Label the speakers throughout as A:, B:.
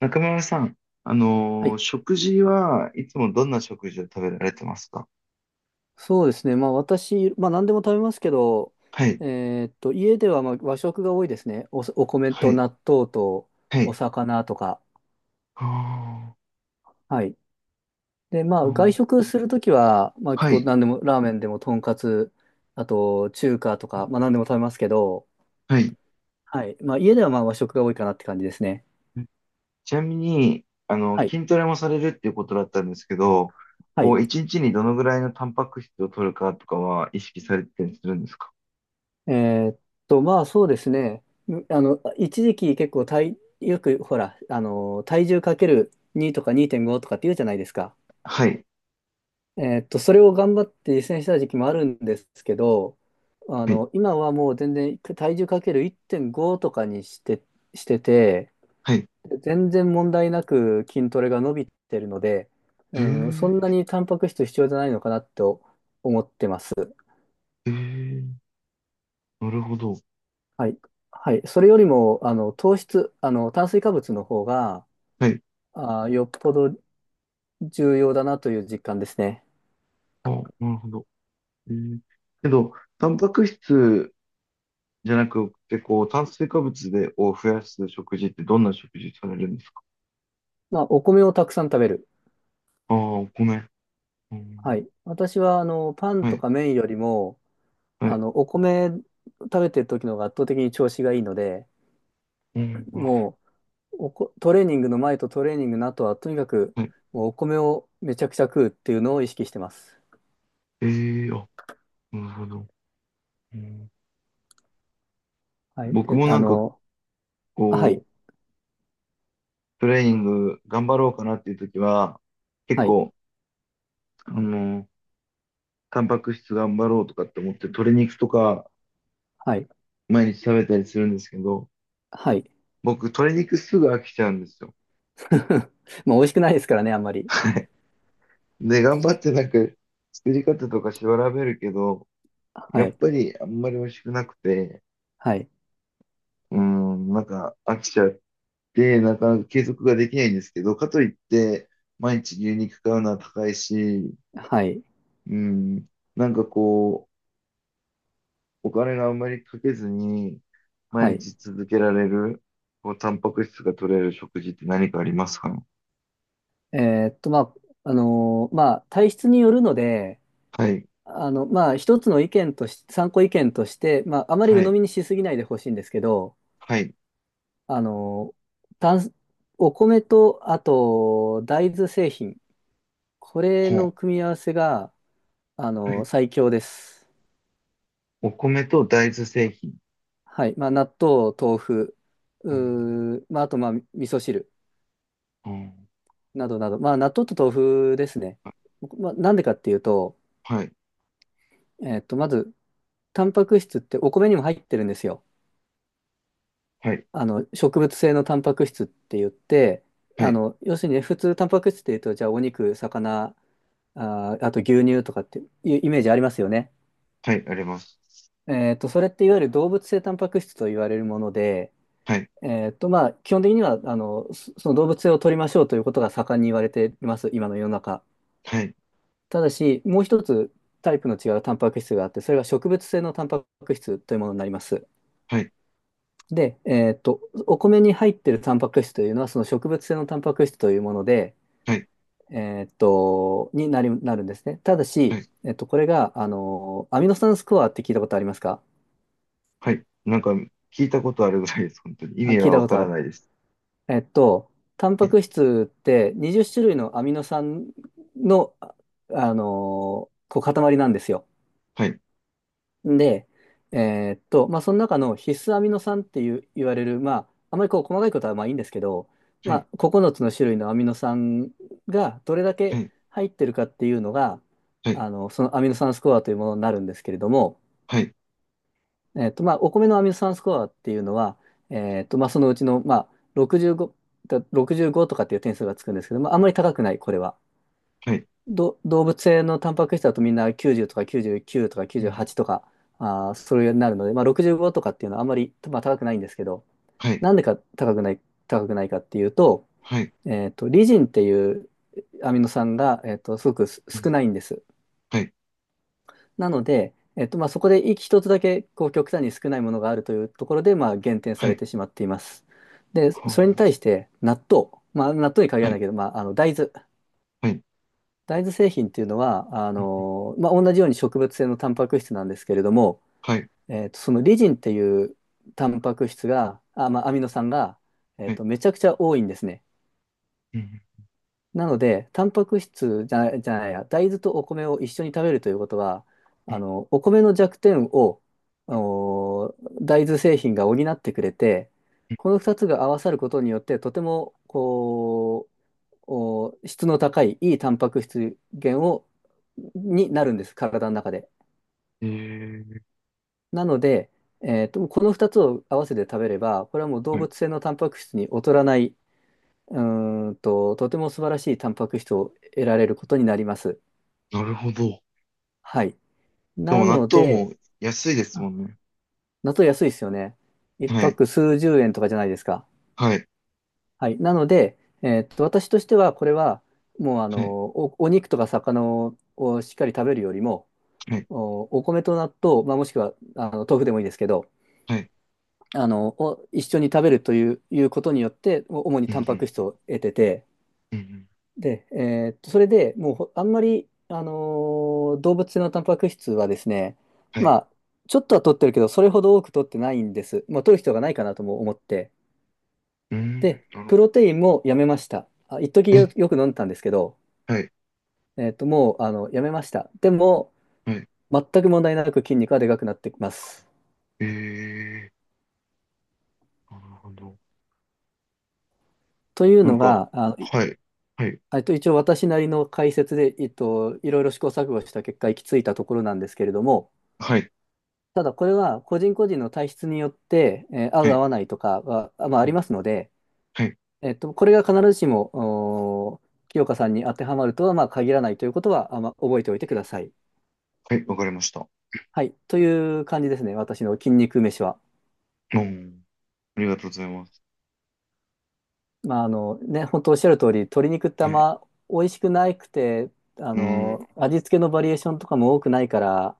A: 中村さん、
B: はい、
A: 食事はいつもどんな食事を食べられてますか？
B: そうですね。まあ私、まあ何でも食べますけど、
A: はい、
B: え家ではまあ和食が多いですね。お米
A: は
B: と
A: い、
B: 納豆と
A: は
B: お
A: い。
B: 魚とか。
A: あ
B: はい。で、ま
A: ー、あ
B: あ外
A: ー、
B: 食するときは、まあ結
A: は
B: 構
A: い、
B: 何でも、ラーメンでもとんかつ、あと中華とか、まあ何でも食べますけど、
A: はい。
B: はい。まあ家ではまあ和食が多いかなって感じですね。
A: ちなみに、
B: はい。
A: 筋トレもされるっていうことだったんですけど、
B: はい。
A: 一日にどのぐらいのタンパク質を取るかとかは意識されてたりするんですか？
B: えーっまあそうですね。あの、一時期結構よくほら、あの、体重かける2とか2.5とかって言うじゃないですか。
A: はい、
B: それを頑張って実践した時期もあるんですけど、あ
A: はい、
B: の、今はもう全然体重かける1.5とかにして、してて、
A: はい。
B: 全然問題なく筋トレが伸びてるので、
A: え
B: うん、そ
A: ー、
B: んなにタンパク質必要じゃないのかなと思ってます。
A: えー、なるほど。
B: はい。はい。それよりも、あの、糖質、あの、炭水化物の方が、
A: はい。
B: よっぽど重要だなという実感ですね。
A: あ、なるほど。えーけど、タンパク質じゃなくて、炭水化物で、を増やす食事ってどんな食事されるんですか？
B: まあ、お米をたくさん食べる。
A: ああー、お米。う
B: は
A: ん、
B: い。私は、あの、パン
A: は
B: と
A: い、
B: か麺よりも、
A: は
B: あ
A: い。
B: の、お米食べてる時の方が圧倒的に調子がいいので、
A: うん、
B: もうおこ、トレーニングの前とトレーニングの後は、とにかく、
A: はい。
B: もうお米をめちゃくちゃ食うっていうのを意識してます。
A: ええー、あ、なるほど。うん、
B: はい。
A: 僕
B: で、
A: もな
B: あ
A: んか、
B: の、あは
A: こ
B: い、
A: う、トレーニング頑張ろうかなっていう時は、結
B: はい、
A: 構、あの、タンパク質頑張ろうとかって思って、鶏肉とか
B: はい、
A: 毎日食べたりするんですけど、
B: はい。
A: 僕、鶏肉すぐ飽きちゃうんですよ。
B: まあ、美味しくないですからね、あんまり。
A: で、頑張ってなんか、作り方とか調べるけど、
B: は
A: やっ
B: い、
A: ぱりあんまり美味しくなくて、
B: はい、
A: うん、なんか飽きちゃって、なかなか継続ができないんですけど、かといって、毎日牛肉買うのは高いし、
B: はい、
A: うん、なんかお金があんまりかけずに、毎
B: はい。
A: 日続けられる、タンパク質が取れる食事って何かありますか？
B: えまあ、まあ、体質によるので、
A: はい、
B: あの、まあ、一つの意見とし、参考意見として、まあ、あまり
A: は
B: 鵜呑
A: い、
B: みにしすぎないでほしいんですけど、
A: はい、
B: あの、炭お米と、あと、大豆製品。これ
A: ほ
B: の
A: う、
B: 組み合わせが、あ
A: はい。
B: の、最強です。
A: お米と大豆製品。
B: はい。まあ、納豆、豆腐、
A: うん、
B: まあ、あと、まあ、味噌汁
A: うん、
B: などなど。まあ、納豆と豆腐ですね。まあ、なんでかっていうと、
A: はい、
B: えっと、まず、タンパク質ってお米にも入ってるんですよ。
A: はい、
B: あの、植物性のタンパク質って言って、
A: は
B: あ
A: い、
B: の、要するにね、普通タンパク質って言うと、じゃあ、お肉、魚、あと牛乳とかっていうイメージありますよね。
A: はい、あります。
B: えっと、それっていわゆる動物性タンパク質と言われるもので、
A: はい、
B: えっと、まあ、基本的には、あの、その動物性を取りましょうということが盛んに言われています、今の世の中。
A: はい、
B: ただし、もう一つタイプの違うタンパク質があって、それが植物性のタンパク質というものになります。
A: はい。
B: で、えっと、お米に入っているタンパク質というのは、その植物性のタンパク質というもので、
A: はい、
B: えーっと、になり、なるんですね。ただ
A: は
B: し、
A: い、
B: えっと、これが、あの、アミノ酸スコアって聞いたことありますか？
A: はい。なんか聞いたことあるぐらいです。本当に。意
B: あ、
A: 味
B: 聞い
A: は
B: た
A: わ
B: こ
A: か
B: とあ
A: ら
B: る。
A: ないです。
B: えっと、タン
A: は
B: パ
A: い、
B: ク質って20種類のアミノ酸の、あの、こう塊なんですよ。
A: はい、
B: で、まあ、その中の必須アミノ酸っていう言われる、まあ、あまりこう細かいことはまあいいんですけど、
A: は
B: ま
A: い、
B: あ、9つの種類のアミノ酸がどれだ
A: は
B: け
A: い、
B: 入ってるかっていうのが、あ
A: は
B: の、そのアミノ酸スコアというものになるんですけれども、
A: い、
B: まあ、お米のアミノ酸スコアっていうのは、まあ、そのうちの、まあ、65、だ65とかっていう点数がつくんですけど、まあ、あんまり高くない、これは。
A: はい、
B: 動物性のタンパク質だとみんな90とか99とか
A: うん、
B: 98とか、あー、それになるので、まあ、65とかっていうのはあんまり、まあ、高くないんですけど、
A: はい、
B: なんでか高くない、高くないかっていうと、
A: はい、
B: えっと、リジンっていうアミノ酸が、えっと、すごく
A: う
B: 少
A: ん、
B: ないんです。
A: はい、
B: なので、えっと、まあ、そこで一つだけこう極端に少ないものがあるというところで、まあ、減点さ
A: は
B: れ
A: い、
B: てしまっています。で、それに
A: は
B: 対して納豆、まあ、納豆に限
A: あ、
B: ら
A: は
B: な
A: い、
B: いけど、まあ、あの大豆。
A: はい、
B: 大豆製品っていうのは、あ
A: うん、
B: の、まあ、同じように植物性のタンパク質なんですけれども、
A: はい、
B: えーと、そのリジンっていうタンパク質が、あ、まあ、アミノ酸が、え
A: は
B: ー
A: い、
B: と、めちゃくちゃ多いんですね。
A: うん、
B: なので、タンパク質じゃない、じゃないや、大豆とお米を一緒に食べるということは、あの、お米の弱点を、お大豆製品が補ってくれて、この2つが合わさることによって、とても、質の高いいいタンパク質源をになるんです体の中で。
A: えー、
B: なので、えーと、この2つを合わせて食べればこれはもう動
A: はい、
B: 物性のタンパク質に劣らないとても素晴らしいタンパク質を得られることになります。
A: なるほど。
B: はい。
A: で
B: な
A: も納
B: の
A: 豆
B: で、
A: も安いですも
B: あ
A: んね。
B: 納豆安いですよね。1
A: はい、
B: ク数十円とかじゃないですか。
A: はい、
B: はい。なので、えーと、私としてはこれはもう
A: はい、
B: お肉とか魚をしっかり食べるよりも
A: はい、
B: お米と納豆、まあ、もしくはあの豆腐でもいいですけど、
A: はい、
B: あの、を一緒に食べるという、いうことによって、主に
A: う
B: タンパク
A: ん、
B: 質を得て、
A: うん、うん、
B: で、それでもうほあんまり、ー動物性のタンパク質はですね、
A: は
B: ま
A: い、
B: あ、ちょっとは取ってるけど、それほど多く取ってないんです。まあ、取る人がないかなとも思って。
A: うん、
B: で、
A: なる
B: プ
A: ほ
B: ロ
A: ど。
B: テインもやめました。あ、一時
A: え、
B: よ、よく飲んでたんですけど、
A: はい、
B: もう、あの、やめました。でも、
A: はい、
B: 全く問題なく筋肉はでかくなってきます。
A: えー、なるほど。
B: という
A: なん
B: の
A: か、
B: が、あの、
A: はい、はい、
B: えっと、一応私なりの解説で、えっと、いろいろ試行錯誤した結果行き着いたところなんですけれども、
A: はい。
B: ただこれは個人個人の体質によって、えー合
A: は
B: う合
A: い。
B: わないとかは、まあ、あ
A: う
B: り
A: ん、
B: ますので、
A: はい。
B: えっと、これが必ずしも、おー清香さんに当てはまるとは、まあ、限らないということは、まあ、覚えておいてください。
A: はい。わかりました。
B: はい。という感じですね。私の筋肉飯は。
A: うん。ありがとうございます。
B: まあ、あの、ね、本当おっしゃる通り、鶏肉ってあ
A: は
B: ん
A: い。
B: ま美味しくなくて、あ
A: うん。
B: の、味付けのバリエーションとかも多くないから、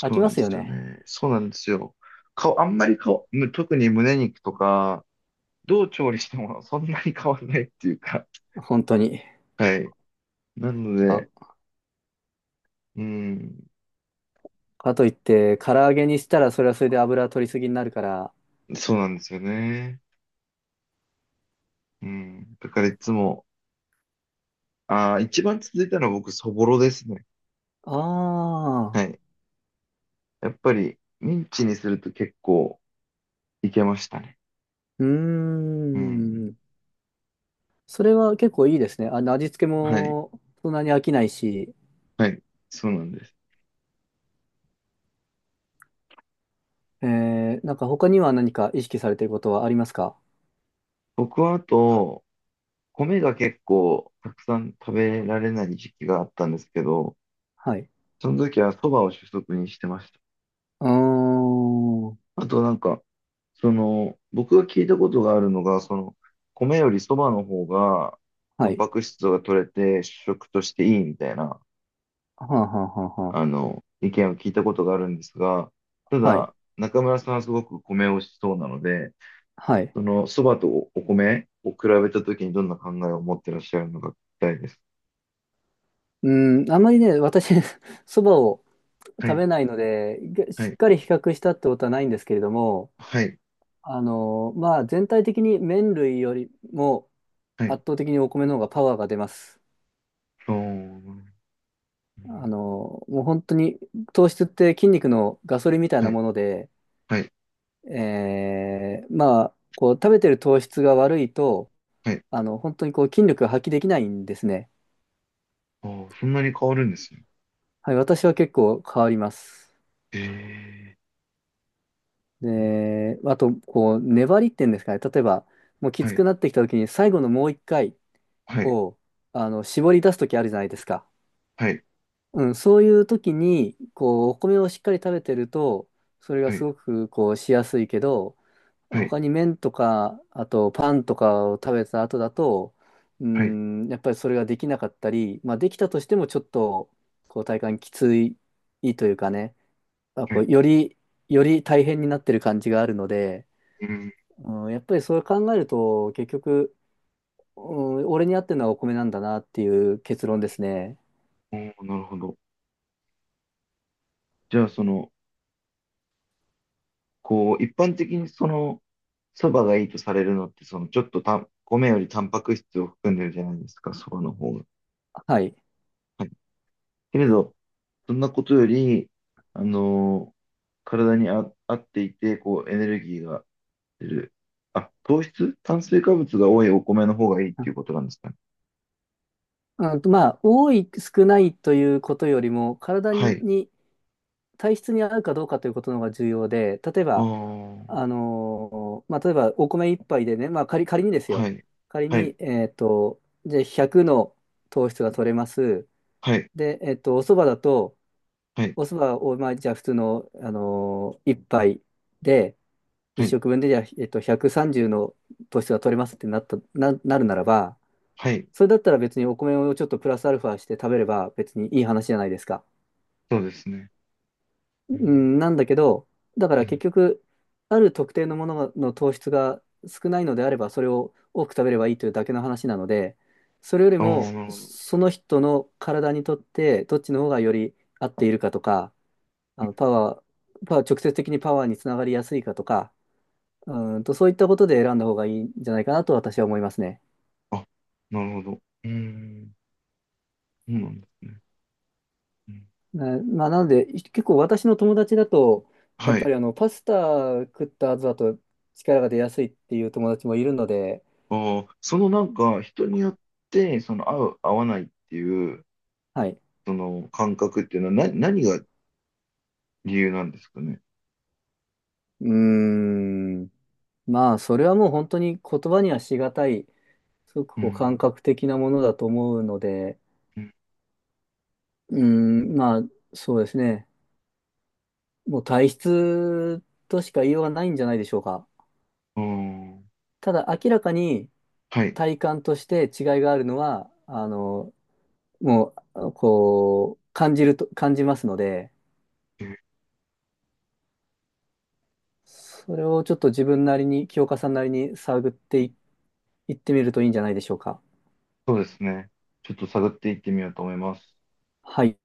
B: 飽き
A: うな
B: ま
A: ん
B: す
A: で
B: よ
A: すよ
B: ね。
A: ね。そうなんですよ。顔、あんまり顔、特に胸肉とか、どう調理してもそんなに変わらないっていうか。
B: 本当に。
A: はい。なの
B: ま
A: で、
B: あ、
A: うん。
B: かといって、唐揚げにしたらそれはそれで油取りすぎになるから。
A: そうなんですよね。うん。だからいつも、ああ、一番続いたのは僕、そぼろですね。
B: ああ、
A: はい。やっぱり、ミンチにすると結構いけましたね。
B: うー
A: うん。
B: ん。それは結構いいですね。あの、味付け
A: はい。
B: もそんなに飽きないし、
A: はい。そうなんです。
B: えー、なんか他には何か意識されていることはありますか？
A: 僕はあと、米が結構たくさん食べられない時期があったんですけど、
B: はい。
A: その時は蕎麦を主食にしてました。
B: うーん。は
A: あとなんか、僕が聞いたことがあるのが、米より蕎麦の方が、タン
B: い。
A: パク質が取れて主食としていいみたいな、
B: はあ、はあはあは
A: 意見を聞いたことがあるんですが、た
B: あ、はい。
A: だ、中村さんはすごく米をしそうなので、
B: はい。
A: その蕎麦とお米を比べた時にどんな考えを持ってらっしゃるのか聞きたいです。
B: うーん、あんまりね、私、そばを
A: は
B: 食
A: い、
B: べないので、
A: は
B: しっ
A: い、
B: かり比較したってことはないんですけれども、
A: はい。
B: あの、まあ、全体的に麺類よりも
A: はい、
B: 圧倒的にお米の方がパワーが出ます。
A: あー、うん、
B: もう本当に糖質って筋肉のガソリンみたい
A: は
B: な
A: い、
B: もので、
A: はい、
B: こう食べてる糖質が悪いと、
A: はい。
B: 本当にこう筋力が発揮できないんですね。
A: ああ、そんなに変わるんですね。
B: はい、私は結構変わります。
A: ええ、
B: で、あと、こう、粘りっていうんですかね。例えば、もうき
A: は
B: つ
A: い、
B: くなってきた時に最後のもう一回
A: はい、
B: を、絞り出す時あるじゃないですか。
A: はい、
B: うん、そういう時に、こう、お米をしっかり食べてると、それが
A: は
B: す
A: い、
B: ごく、こう、しやすいけど、
A: はい、
B: 他に麺とか、あとパンとかを食べた後だと、う
A: はい、
B: ん、やっぱりそれができなかったり、まあ、できたとしてもちょっと、こう、体感きついというかね、あ、
A: は
B: こう、
A: い。
B: より、より大変になってる感じがあるので、
A: うん、
B: うん、やっぱりそれ考えると、結局、うん、俺に合ってるのはお米なんだなっていう結論ですね。
A: おー、なるほど。じゃあ、一般的にそばがいいとされるのって、ちょっとたん、米よりタンパク質を含んでるじゃないですか、そばの方が。
B: はい。
A: はい。けれど、そんなことより、あのー体に合っていて、エネルギーがてる。あ、糖質炭水化物が多いお米の方がいいっていうことなんですかね。
B: うんと、まあ、多い、少ないということよりも、体
A: はい。
B: に、体質に合うかどうかということの方が重要で、例え
A: あ
B: ば、
A: あ、
B: 例えば、お米一杯でね、まあ、仮にです
A: は
B: よ。
A: い。
B: 仮
A: は
B: に、
A: い。
B: じゃあ100の糖質が取れます。
A: はい。
B: で、お蕎麦だと、
A: はい。
B: お蕎麦を、まあ、じゃあ普通の、一杯で、一
A: はい。
B: 食分で、じゃあ、130の糖質が取れますってなった、なるならば、
A: はい。
B: それだったら別にお米をちょっとプラスアルファして食べれば別にいい話じゃないですか。
A: そうですね。
B: う
A: うん。
B: ん、なんだけど、だか
A: う
B: ら結
A: ん。
B: 局、ある特定のものの糖質が少ないのであれば、それを多く食べればいいというだけの話なので、それより
A: ああ、な
B: も、
A: るほど。
B: その人の体にとって、どっちの方がより合っているかとか、あのパワパワー、直接的にパワーにつながりやすいかとか、うんと、そういったことで選んだ方がいいんじゃないかなと私は思いますね。
A: あ、なるほど。うん。そうなんですね。うん。
B: ねまあ、なので、い結構私の友達だと、やっ
A: は
B: ぱ
A: い。
B: りあのパスタ食った後だと力が出やすいっていう友達もいるので、
A: ああ、なんか、人によって、合う、合わないっていう、
B: はい。
A: その感覚っていうのは、何が理由なんですかね。
B: うーん。まあ、それはもう本当に言葉にはしがたい、すごく
A: う
B: こう感
A: ん。
B: 覚的なものだと思うので、
A: うん。
B: うーん、まあ、そうですね。もう体質としか言いようがないんじゃないでしょうか。
A: あ
B: ただ、明らかに
A: あ、はい。
B: 体感として違いがあるのは、あの、もう、こう、感じますので、それをちょっと自分なりに、清川さんなりに探ってい、いってみるといいんじゃないでしょうか。
A: そうですね。ちょっと探っていってみようと思います。
B: はい。